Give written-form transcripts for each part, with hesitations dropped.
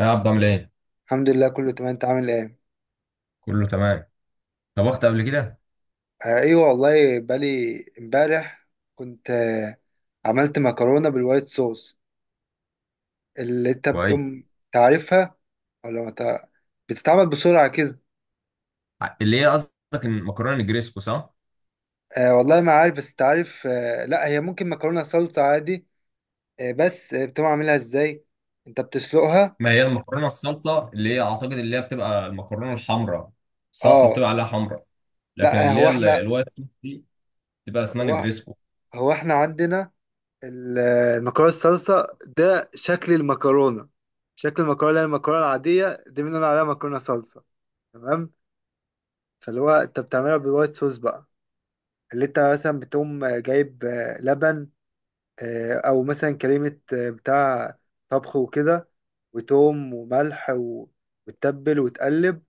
يا عبد، عامل ايه؟ الحمد لله، كله تمام. انت عامل ايه؟ كله تمام. طبخت قبل كده؟ آه، ايوه والله، بالي امبارح كنت عملت مكرونه بالوايت صوص اللي انت كويس. بتقوم تعرفها، ولا ما تع- بتتعمل بسرعه كده؟ اللي هي قصدك المكرونه الجريسكو صح؟ آه والله ما عارف، بس تعرف، لا هي ممكن مكرونه صلصه عادي. آه بس بتقوم عاملها ازاي؟ انت بتسلقها؟ ما هي المكرونه الصلصه اللي هي اعتقد اللي هي بتبقى المكرونه الحمراء. الصلصه اه بتبقى عليها حمراء، لكن لا، اللي هو هي احنا، الوايت صوص دي بتبقى اسمها هو, نجريسكو. هو احنا عندنا المكرونه الصلصه ده شكل المكرونه اللي هي المكرونه العاديه دي بنقول عليها مكرونه صلصه. تمام؟ فاللي هو انت بتعملها بالوايت صوص بقى، اللي انت مثلا بتقوم جايب لبن، او مثلا كريمه، بتاع طبخ وكده، وتوم وملح وتتبل وتقلب،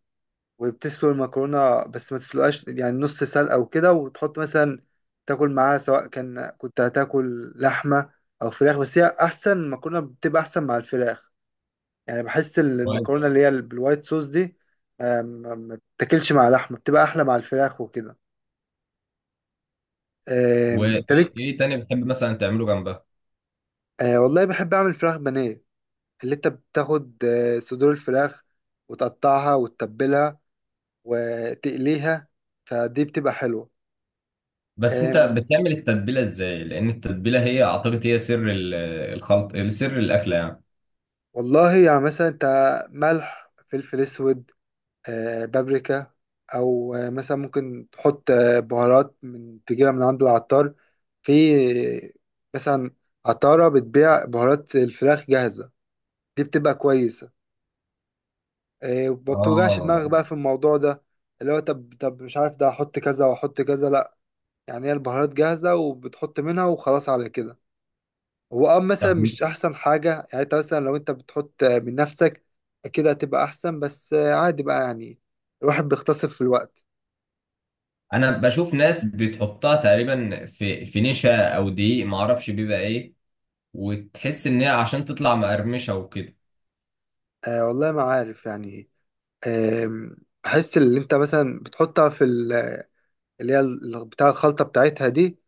وبتسلق المكرونة، بس ما تسلقهاش يعني، نص سلقة أو كده، وتحط مثلا تاكل معاها، سواء كان كنت هتاكل لحمة أو فراخ. بس هي أحسن، المكرونة بتبقى أحسن مع الفراخ. يعني بحس كويس. المكرونة اللي هي بالوايت صوص دي ما بتاكلش مع لحمة، بتبقى أحلى مع الفراخ وكده. وايه، إيه تالت. إيه تاني بتحب مثلا تعمله جنبها؟ آه، والله بحب أعمل فراخ بانيه، اللي أنت بتاخد صدور الفراخ وتقطعها وتتبلها وتقليها. فدي بتبقى حلوة. بس انت بتعمل التتبيله ازاي؟ لان التتبيله هي اعتقد هي الخلط، سر الاكله يعني. والله يعني مثلا انت، ملح، فلفل اسود، بابريكا، او مثلا ممكن تحط بهارات من تجيبها من عند العطار. في آه، مثلا عطارة بتبيع بهارات الفراخ جاهزة، دي بتبقى كويسة. وما بتوجعش اه، دماغك بقى في الموضوع ده، اللي هو طب طب مش عارف ده احط كذا واحط كذا، لا. يعني هي البهارات جاهزة وبتحط منها وخلاص على كده. هو مثلا طب مش احسن حاجة، يعني انت مثلا لو انت بتحط من نفسك كده هتبقى احسن، بس عادي بقى يعني، الواحد بيختصر في الوقت. انا بشوف ناس بتحطها تقريبا في نشا او دقيق ما اعرفش بيبقى ايه، وتحس ان هي عشان تطلع مقرمشه وكده. آه والله ما عارف يعني. آم، احس اللي انت مثلا بتحطها في بتاع الخلطة بتاعتها دي،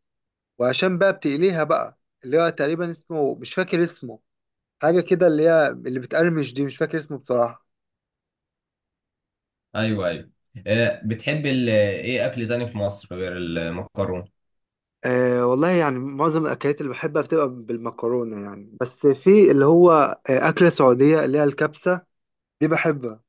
وعشان بقى بتقليها بقى، اللي هو تقريبا اسمه، مش فاكر اسمه، حاجة كده اللي هي اللي بتقرمش دي، مش فاكر اسمه بصراحة. ايوه، ايوه. بتحب ايه اكل تاني في مصر غير المكرونه؟ أه والله يعني معظم الأكلات اللي بحبها بتبقى بالمكرونة يعني، بس في اللي هو أكلة سعودية اللي هي الكبسة، دي بحبها.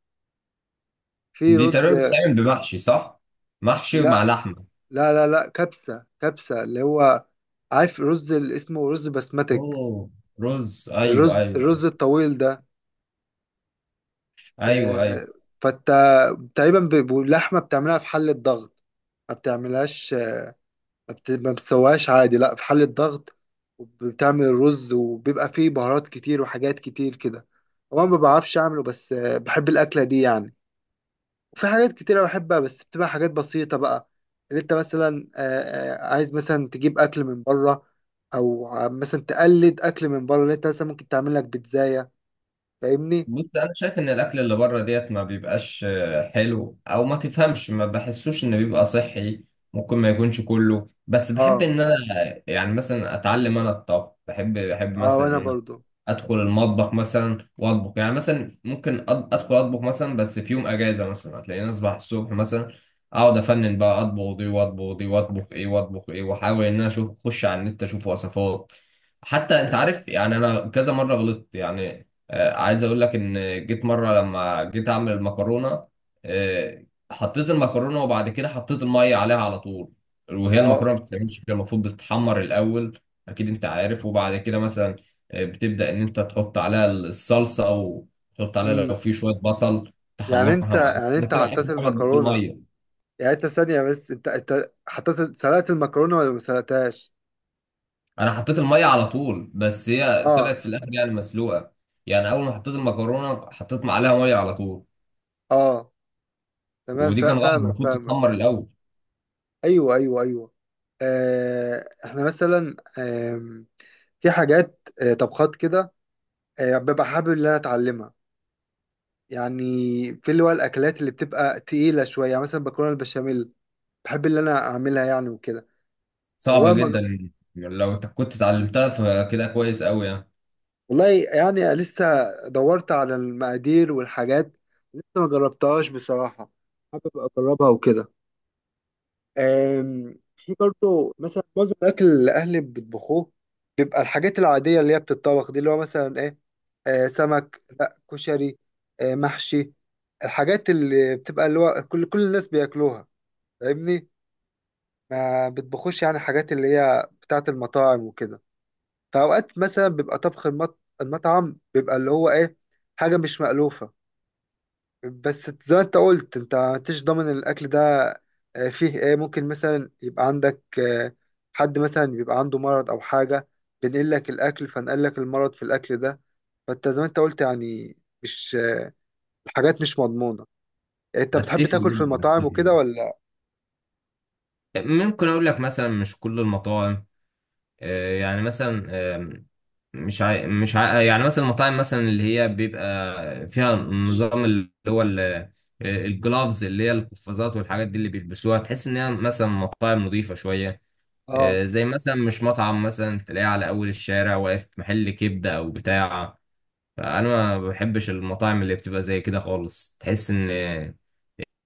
في دي رز. تقريبا بتتعمل بمحشي صح؟ محشي مع لا، لحمه. لا، لا، لا، كبسة كبسة، اللي هو عارف رز اللي اسمه رز بسمتك، اوه، رز. ايوه، الرز ايوه. الرز الطويل ده. ايوه، آه، ايوه. فانت تقريبا باللحمة بتعملها في حلة ضغط، ما بتعملهاش، ما بتسويهاش عادي، لا في حلة ضغط. وبتعمل الرز وبيبقى فيه بهارات كتير وحاجات كتير كده. هو أنا ما بعرفش اعمله، بس بحب الأكلة دي يعني. وفي حاجات كتيرة بحبها بس بتبقى حاجات بسيطة بقى، اللي انت مثلا عايز مثلا تجيب أكل من بره، أو مثلا تقلد أكل من بره، اللي انت مثلا ممكن تعمل لك بيتزاية. فاهمني؟ بص، انا شايف ان الاكل اللي بره ديت ما بيبقاش حلو، او ما تفهمش ما بحسوش انه بيبقى صحي. ممكن ما يكونش كله، بس بحب اه. ان انا يعني مثلا اتعلم انا الطبخ. بحب اه مثلا وأنا ان انا برضو. ادخل المطبخ مثلا واطبخ. يعني مثلا ممكن ادخل اطبخ مثلا، بس في يوم اجازه مثلا هتلاقيني اصبح الصبح مثلا اقعد افنن بقى، اطبخ دي واطبخ دي واطبخ ايه واطبخ ايه، واحاول ان انا اشوف، اخش على النت اشوف وصفات. حتى انت اه. عارف، يعني انا كذا مره غلطت. يعني عايز اقول لك ان جيت مره، لما جيت اعمل المكرونه آه، حطيت المكرونه وبعد كده حطيت الميه عليها على طول. وهي اه. المكرونه ما بتتعملش كده، المفروض بتتحمر الاول. اكيد انت عارف. وبعد كده مثلا بتبدأ إن أنت تحط عليها الصلصة، أو تحط عليها لو امم في شوية بصل يعني انت تحمرها معاك، يعني انت بتلاقي حطيت آخر حاجة تضيف المكرونة، المية. يعني انت ثانية، بس انت حطيت سلقت المكرونة ولا ما سلقتهاش؟ أنا حطيت المية على طول، بس هي اه. طلعت في الآخر يعني مسلوقة. يعني أول ما حطيت المكرونة حطيت معلقة مية على طول. اه تمام. ودي كان غلط، فاهمك المفروض فاهمك. تتحمر الأول. ايوه، ايوه، ايوه. آه احنا مثلا، في حاجات، طبخات كده، ببقى حابب ان انا اتعلمها يعني. في اللي هو الاكلات اللي بتبقى تقيله شويه، يعني مثلا مكرونه البشاميل بحب ان انا اعملها يعني وكده. صعبة هو ما... جدا. لو أنت كنت اتعلمتها فكده كويس أوي يعني. والله يعني لسه دورت على المقادير والحاجات، لسه ما جربتهاش بصراحه. حابب اجربها وكده. آم، في برضه مثلا معظم الاكل اللي اهلي بيطبخوه، بيبقى الحاجات العاديه اللي هي بتتطبخ دي، اللي هو مثلا ايه، سمك، لا كشري، محشي. الحاجات اللي بتبقى اللي هو كل الناس بياكلوها. فاهمني؟ ما بتبخوش يعني حاجات اللي هي بتاعه المطاعم وكده. فاوقات مثلا بيبقى طبخ المطعم، بيبقى اللي هو ايه، حاجه مش مألوفه. بس زي ما انت قلت، انت مش ضامن الاكل ده. فيه ايه، ممكن مثلا يبقى عندك حد مثلا بيبقى عنده مرض او حاجه، بينقل لك الاكل، فنقل لك المرض في الاكل ده. فانت زي ما انت قلت يعني، مش، الحاجات مش مضمونه. انت بتحب أتفق تاكل في جدا، أتفق المطاعم وكده، جدا. ولا؟ ممكن أقول لك مثلا مش كل المطاعم. يعني مثلا، مش عا... مش عا... يعني مثلا المطاعم مثلا اللي هي بيبقى فيها نظام اللي هو الجلافز، اللي هي القفازات والحاجات دي اللي بيلبسوها، تحس ان هي مثلا مطاعم نظيفة شوية. اه. زي مثلا مش مطعم مثلا تلاقيه على اول الشارع واقف محل كبدة او بتاع. فانا ما بحبش المطاعم اللي بتبقى زي كده خالص. تحس ان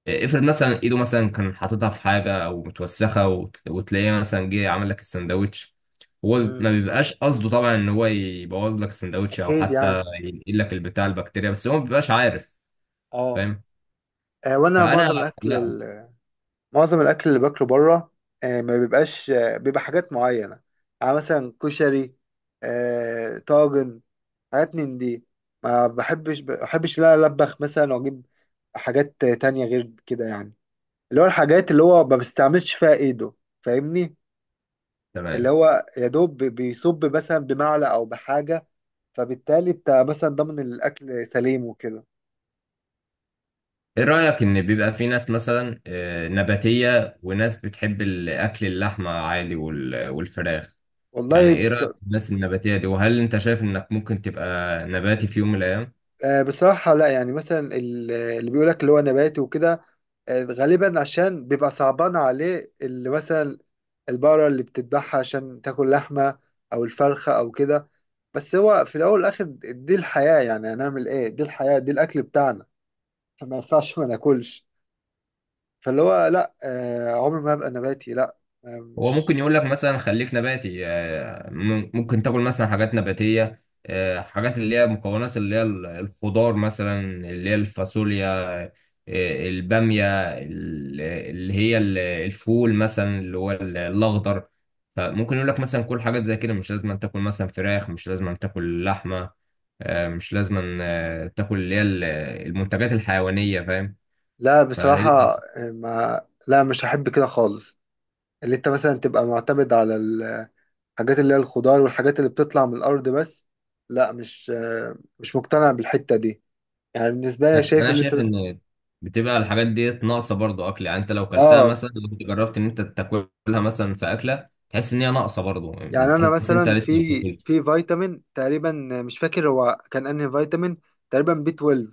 افرض مثلا ايده مثلا كان حاططها في حاجه او متوسخه وتلاقيه مثلا جه عمل لك السندوتش. هو امم ما بيبقاش قصده طبعا ان هو يبوظ لك السندوتش او اكيد حتى يعني. ينقل لك البتاع البكتيريا، بس هو ما بيبقاش عارف. اه. فاهم. وانا فانا، معظم الاكل، لا. اللي باكله بره ما بيبقاش، بيبقى حاجات معينه، يعني مثلا كشري، طاجن، حاجات من دي. ما بحبش لا ألبخ مثلا وأجيب حاجات تانية غير كده، يعني اللي هو الحاجات اللي هو ما بستعملش فيها إيده. فاهمني؟ اللي تمام. هو يا دوب بيصب مثلا بمعلقة أو بحاجة، فبالتالي أنت مثلا ضامن الأكل سليم وكده. ايه رايك ان بيبقى في ناس مثلا نباتيه وناس بتحب الاكل اللحمه عادي والفراخ؟ يعني والله ايه رايك في الناس النباتيه دي؟ وهل انت شايف انك ممكن تبقى نباتي في يوم من الايام؟ بصراحة لا، يعني مثلا اللي بيقولك اللي هو نباتي وكده، غالبا عشان بيبقى صعبان عليه اللي مثلا البقرة اللي بتذبحها عشان تاكل لحمة، أو الفرخة أو كده. بس هو في الاول والاخر دي الحياه، يعني هنعمل ايه، دي الحياه، دي الاكل بتاعنا، فما ينفعش ما ناكلش. فاللي هو لا، عمري ما هبقى نباتي. لا، هو مش. ممكن يقول لك مثلا خليك نباتي، ممكن تاكل مثلا حاجات نباتية، حاجات اللي هي مكونات اللي هي الخضار مثلا، اللي هي الفاصوليا، البامية، اللي هي الفول مثلا اللي هو الأخضر. فممكن يقول لك مثلا كل حاجات زي كده، مش لازم أن تاكل مثلا فراخ، مش لازم أن تاكل لحمة، مش لازم أن تاكل اللي هي المنتجات الحيوانية. فاهم؟ لا فهي، بصراحه. ما، لا، مش هحب كده خالص، اللي انت مثلا تبقى معتمد على الحاجات اللي هي الخضار والحاجات اللي بتطلع من الارض بس. لا، مش مقتنع بالحته دي. يعني بالنسبه لي انا شايف أنا اللي انت. شايف ان بتبقى الحاجات دي ناقصه، برضو اكل يعني. انت لو كلتها اه، مثلا، لو كنت جربت ان انت تاكلها مثلا في اكله تحس ان هي ناقصه برضو. يعني انا تحس ان انت مثلا لسه ما في بتاكلش. في فيتامين تقريبا، مش فاكر هو كان انهي فيتامين، تقريبا بي 12.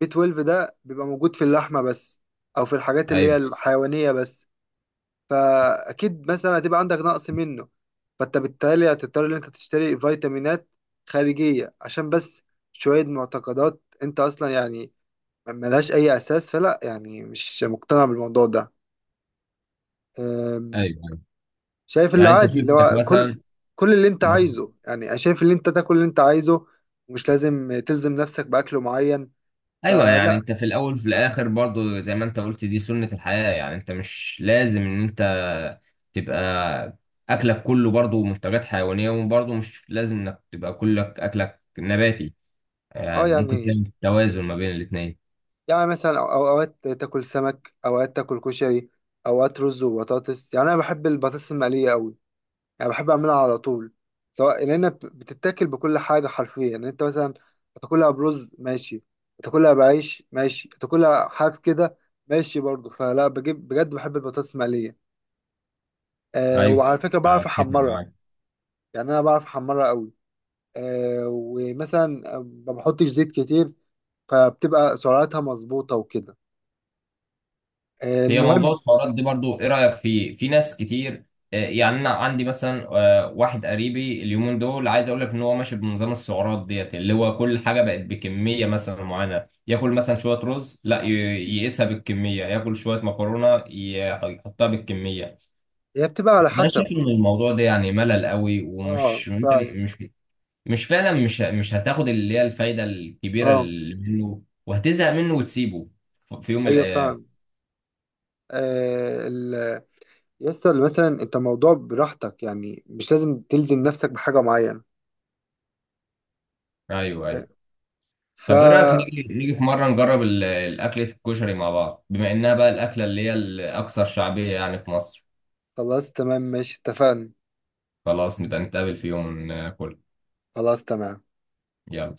بي 12 ده بيبقى موجود في اللحمة بس، أو في الحاجات اللي هي ايوه. الحيوانية بس. فأكيد مثلا هتبقى عندك نقص منه، فأنت بالتالي هتضطر إن أنت تشتري فيتامينات خارجية عشان بس شوية معتقدات أنت أصلا يعني ملهاش أي أساس. فلا، يعني مش مقتنع بالموضوع ده. أم، ايوه، ايوه. شايف اللي يعني انت عادي، شايف اللي انك هو مثلا كل اللي أنت ما- عايزه، يعني أنا شايف اللي أنت تاكل اللي أنت عايزه، ومش لازم تلزم نفسك بأكل معين. ايوه. يعني فلا. انت في الاول وفي الاخر برضو زي ما انت قلت دي سنه الحياه. يعني انت مش لازم ان انت تبقى اكلك كله برضو منتجات حيوانيه، وبرضو مش لازم انك تبقى كلك اكلك نباتي. اه يعني ممكن يعني تعمل توازن ما بين الاثنين. يعني مثلا اوقات تاكل سمك، اوقات تاكل كشري، اوقات رز وبطاطس. يعني انا بحب البطاطس المقليه قوي، يعني بحب اعملها على طول، سواء لان بتتاكل بكل حاجه حرفيا. يعني انت مثلا تاكلها برز، ماشي. تاكلها بعيش، ماشي. تاكلها حاف كده، ماشي برضه. فلا، بجيب بجد، بحب البطاطس المقليه. أه ايوه، وعلى فكره بعرف اتفق احمرها، معاك. يعني انا بعرف احمرها قوي. أه ومثلا ما بحطش زيت كتير، فبتبقى سعراتها مظبوطه وكده. هي موضوع المهم، السعرات دي برضو ايه رايك فيه؟ في ناس كتير، يعني انا عندي مثلا واحد قريبي اليومين دول، عايز اقول لك ان هو ماشي بنظام السعرات ديت، اللي هو كل حاجه بقت بكميه مثلا معينه. ياكل مثلا شويه رز، لا يقيسها بالكميه، ياكل شويه مكرونه يحطها بالكميه. هي بتبقى على انا حسب شايف ان برضه. الموضوع ده يعني ملل قوي، اه ومش انت فعلا. مش مش فعلا مش هتاخد اللي هي الفايده الكبيره اه، اللي منه، وهتزهق منه وتسيبه في يوم من ايوه الايام. فعلا. آه ال... يسطا مثلا انت موضوع براحتك، يعني مش لازم تلزم نفسك بحاجة معينة. ايوه، ايوه. ف طب ايه رايك نيجي، في مره نجرب الاكله الكشري مع بعض، بما انها بقى الاكله اللي هي الاكثر شعبيه يعني في مصر؟ خلاص تمام، ماشي، اتفقنا. خلاص، نبقى نتقابل في يوم ناكل. خلاص تمام. يلا